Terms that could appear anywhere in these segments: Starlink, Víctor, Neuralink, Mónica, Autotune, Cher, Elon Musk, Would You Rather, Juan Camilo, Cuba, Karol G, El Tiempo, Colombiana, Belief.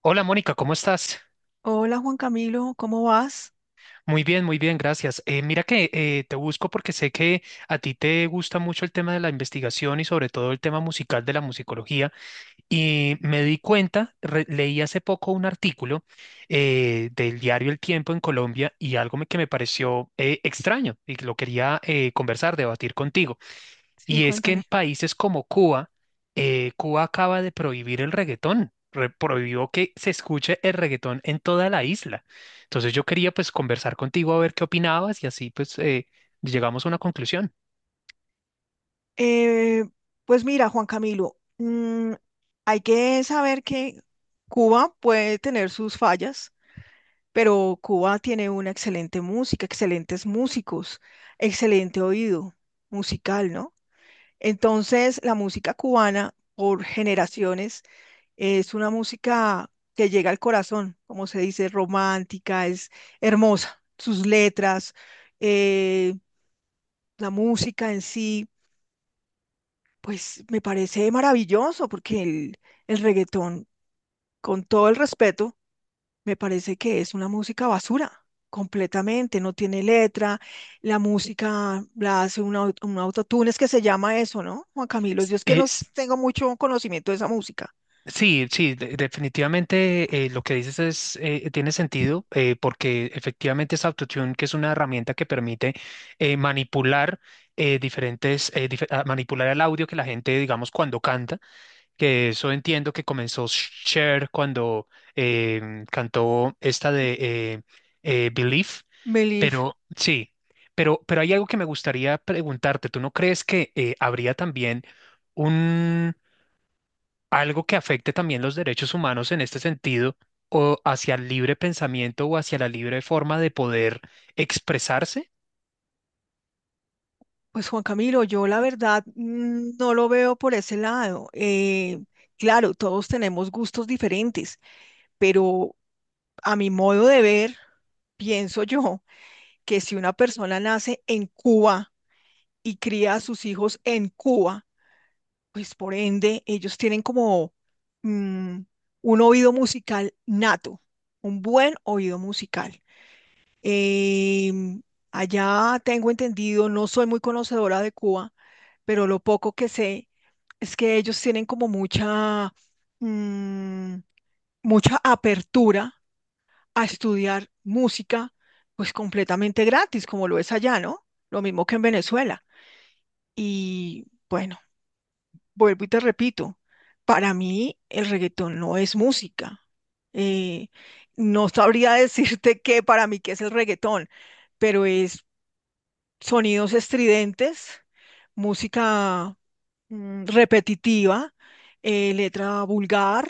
Hola Mónica, ¿cómo estás? Hola Juan Camilo, ¿cómo vas? Muy bien, gracias. Mira que te busco porque sé que a ti te gusta mucho el tema de la investigación y sobre todo el tema musical de la musicología. Y me di cuenta, leí hace poco un artículo del diario El Tiempo en Colombia y algo que me pareció extraño y que lo quería conversar, debatir contigo. Sí, Y es que en cuéntame. países como Cuba, Cuba acaba de prohibir el reggaetón, prohibió que se escuche el reggaetón en toda la isla. Entonces yo quería pues conversar contigo a ver qué opinabas y así pues llegamos a una conclusión. Eh, pues mira, Juan Camilo, hay que saber que Cuba puede tener sus fallas, pero Cuba tiene una excelente música, excelentes músicos, excelente oído musical, ¿no? Entonces, la música cubana, por generaciones, es una música que llega al corazón, como se dice, romántica, es hermosa. Sus letras. eh, la música en sí, pues me parece maravilloso porque el reggaetón, con todo el respeto, me parece que es una música basura, completamente, no tiene letra, la música la hace un autotune, es que se llama eso, ¿no? Juan Camilo, S- yo es que no es- tengo mucho conocimiento de esa música. sí, sí, definitivamente lo que dices tiene sentido porque efectivamente es Autotune, que es una herramienta que permite manipular manipular el audio que la gente, digamos, cuando canta. Que eso entiendo que comenzó Cher cuando cantó esta de Belief, Belif, pero sí, pero hay algo que me gustaría preguntarte. ¿Tú no crees que habría también un algo que afecte también los derechos humanos en este sentido o hacia el libre pensamiento o hacia la libre forma de poder expresarse? pues Juan Camilo, yo la verdad no lo veo por ese lado. Claro, todos tenemos gustos diferentes, pero a mi modo de ver, pienso yo que si una persona nace en Cuba y cría a sus hijos en Cuba, pues por ende ellos tienen como mm, un oído musical nato, un buen oído musical. Em, Allá tengo entendido, no soy muy conocedora de Cuba, pero lo poco que sé es que ellos tienen como mm, mucha apertura a estudiar música, pues completamente gratis, como lo es allá, ¿no? Lo mismo que en Venezuela. Y bueno, vuelvo y te repito, para mí el reggaetón no es música. Eh, no sabría decirte qué para mí qué es el reggaetón, pero es sonidos estridentes, música repetitiva, letra vulgar,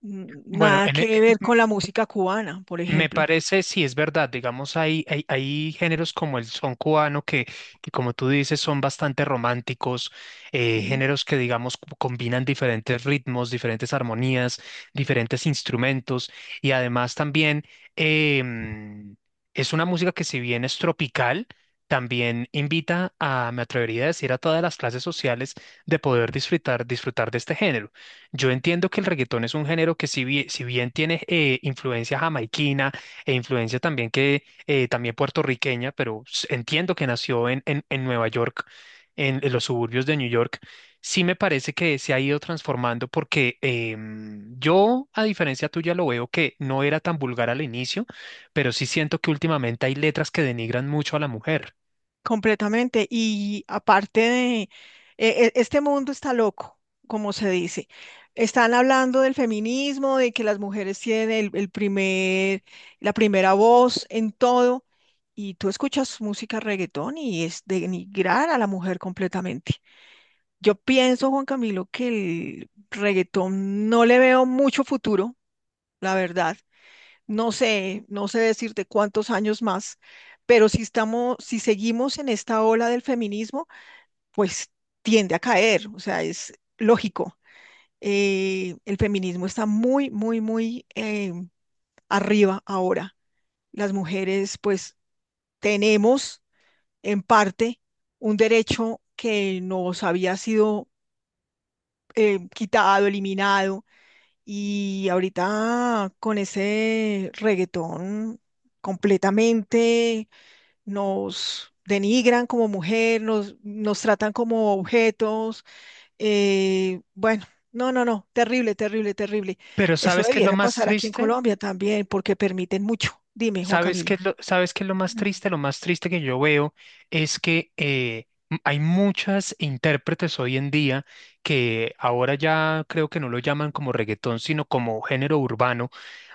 Bueno, nada que ver con la música cubana, por me ejemplo. parece, sí, es verdad, digamos, hay géneros como el son cubano que, como tú dices, son bastante románticos, ¿Sí? géneros que, digamos, combinan diferentes ritmos, diferentes armonías, diferentes instrumentos y además también em, es una música que si bien es tropical, también invita a, me atrevería a decir, a todas las clases sociales de poder disfrutar, disfrutar de este género. Yo entiendo que el reggaetón es un género que si bien tiene influencia jamaiquina e influencia también que también puertorriqueña, pero entiendo que nació en Nueva York, en los suburbios de New York. Sí me parece que se ha ido transformando porque yo, a diferencia tuya, lo veo que no era tan vulgar al inicio, pero sí siento que últimamente hay letras que denigran mucho a la mujer. Completamente. Y aparte de, este mundo está loco, como se dice. Están hablando del feminismo, de que las mujeres tienen el la primera voz en todo. Y tú escuchas música reggaetón y es denigrar a la mujer completamente. Yo pienso, Juan Camilo, que el reggaetón no le veo mucho futuro, la verdad no sé decirte cuántos años más, pero si seguimos en esta ola del feminismo, pues tiende a caer, o sea, es lógico. El feminismo está muy, muy, muy arriba ahora. Las mujeres, pues, tenemos en parte un derecho que nos había sido quitado, eliminado, y ahorita con ese reggaetón completamente nos denigran como mujer, nos tratan como objetos. Bueno, no, no, no, terrible, terrible, terrible. Pero Eso ¿sabes qué es lo debiera más pasar aquí en triste? Colombia también, porque permiten mucho. Dime, Juan ¿Sabes qué Camilo. es lo, sabes qué es lo más Mm. triste? Lo más triste que yo veo es que hay muchas intérpretes hoy en día que ahora ya creo que no lo llaman como reggaetón, sino como género urbano.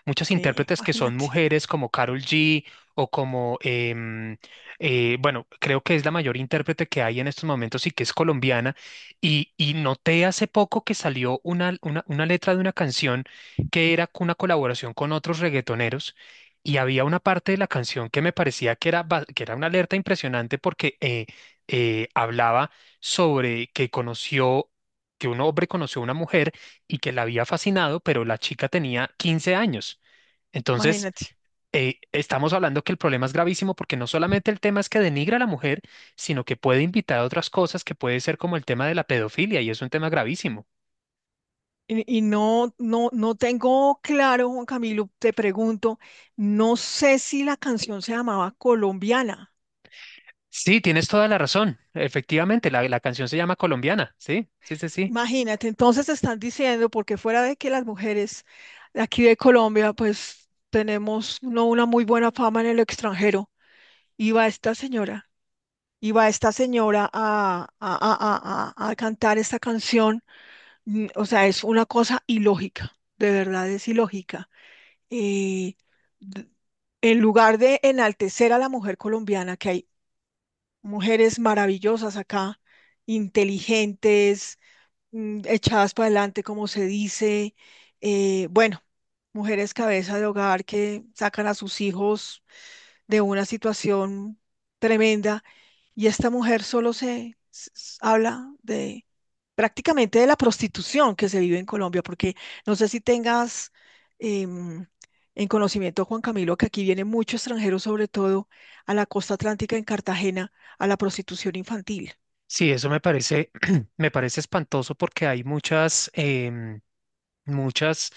Muchas Sí, intérpretes que son imagínate. mujeres como Karol G o como, bueno, creo que es la mayor intérprete que hay en estos momentos y que es colombiana. Y noté hace poco que salió una, una letra de una canción que era una colaboración con otros reggaetoneros y había una parte de la canción que me parecía que era, que era una alerta impresionante porque hablaba sobre que conoció, que un hombre conoció a una mujer y que la había fascinado, pero la chica tenía 15 años. Entonces, Imagínate. Estamos hablando que el problema es gravísimo porque no solamente el tema es que denigra a la mujer, sino que puede invitar a otras cosas que puede ser como el tema de la pedofilia y es un tema gravísimo. Y no, no, no tengo claro, Juan Camilo, te pregunto, no sé si la canción se llamaba Colombiana. Sí, tienes toda la razón. Efectivamente, la canción se llama Colombiana. Sí, sí, sí, sí. Imagínate, entonces te están diciendo, porque fuera de que las mujeres de aquí de Colombia, pues tenemos no una muy buena fama en el extranjero, iba esta señora, iba esta señora a cantar esta canción. Mm, o sea, es una cosa ilógica, de verdad es ilógica. eh, d- en lugar de enaltecer a la mujer colombiana, que hay mujeres maravillosas acá, inteligentes, echadas para adelante, como se dice, bueno, mujeres cabeza de hogar que sacan a sus hijos de una situación tremenda, y esta mujer solo habla de prácticamente de la prostitución que se vive en Colombia, porque no sé si tengas em, en conocimiento, Juan Camilo, que aquí viene mucho extranjero, sobre todo a la costa atlántica en Cartagena, a la prostitución infantil. Sí, eso me parece, me parece espantoso porque hay muchas, em, Muchas,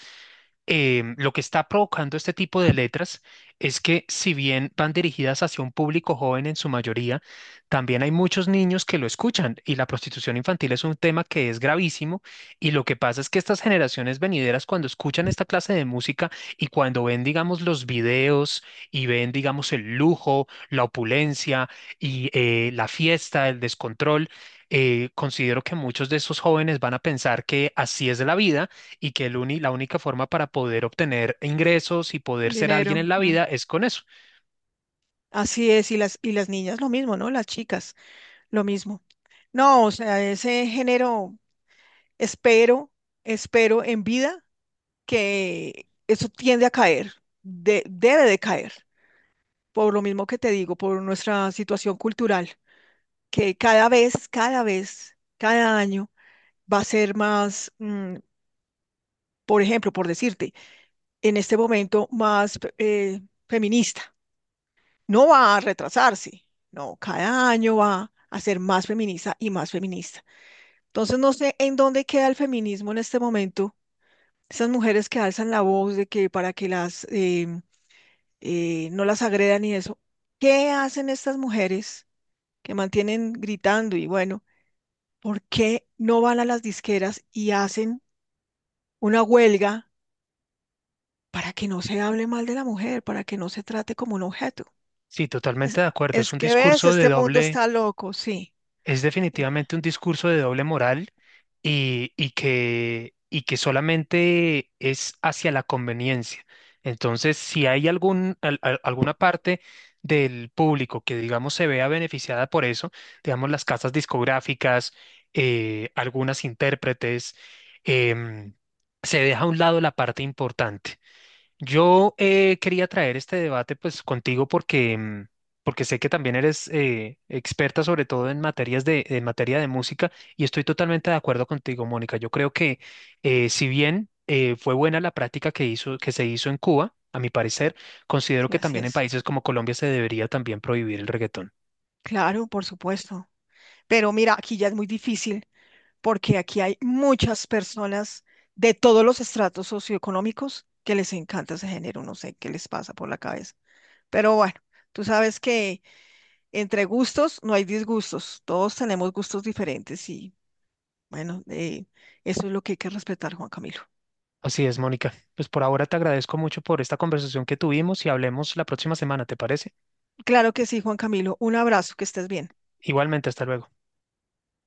em, lo que está provocando este tipo de letras es que si bien van dirigidas hacia un público joven en su mayoría, también hay muchos niños que lo escuchan y la prostitución infantil es un tema que es gravísimo y lo que pasa es que estas generaciones venideras cuando escuchan esta clase de música y cuando ven, digamos, los videos y ven, digamos, el lujo, la opulencia y la fiesta, el descontrol, considero que muchos de esos jóvenes van a pensar que así es la vida y que el la única forma para poder obtener ingresos y poder ser alguien Dinero. en la Mm. vida es con eso. Así es, y las niñas lo mismo, ¿no? Las chicas, lo mismo. No, o sea, ese género, espero, espero en vida que eso tiende a caer, debe de caer, por lo mismo que te digo, por nuestra situación cultural. Que cada vez, cada vez, cada año va a ser más, por ejemplo, por decirte, en este momento más feminista. No va a retrasarse, no, cada año va a ser más feminista y más feminista. Entonces no sé en dónde queda el feminismo en este momento. Esas mujeres que alzan la voz de que para que no las agredan y eso. ¿Qué hacen estas mujeres que mantienen gritando y bueno? ¿Por qué no van a las disqueras y hacen una huelga para que no se hable mal de la mujer, para que no se trate como un objeto? Sí, Es, totalmente de acuerdo. Es es un que ves, discurso de este mundo doble. está loco, sí. Es Eh, definitivamente un discurso de doble moral y que solamente es hacia la conveniencia. Entonces, si hay alguna parte del público que, digamos, se vea beneficiada por eso, digamos, las casas discográficas, algunas intérpretes, em, se deja a un lado la parte importante. Yo quería traer este debate pues contigo porque, porque sé que también eres experta sobre todo en en materia de música y estoy totalmente de acuerdo contigo, Mónica. Yo creo que si bien fue buena la práctica que se hizo en Cuba. A mi parecer, considero Sí, que así también en es. países como Colombia se debería también prohibir el reggaetón. Claro, por supuesto. Pero mira, aquí ya es muy difícil porque aquí hay muchas personas de todos los estratos socioeconómicos que les encanta ese género. No sé qué les pasa por la cabeza. Pero bueno, tú sabes que entre gustos no hay disgustos. Todos tenemos gustos diferentes y bueno, eso es lo que hay que respetar, Juan Camilo. Así es, Mónica. Pues por ahora te agradezco mucho por esta conversación que tuvimos y hablemos la próxima semana, ¿te parece? Claro que sí, Juan Camilo. Un abrazo, que estés bien. Igualmente, hasta luego.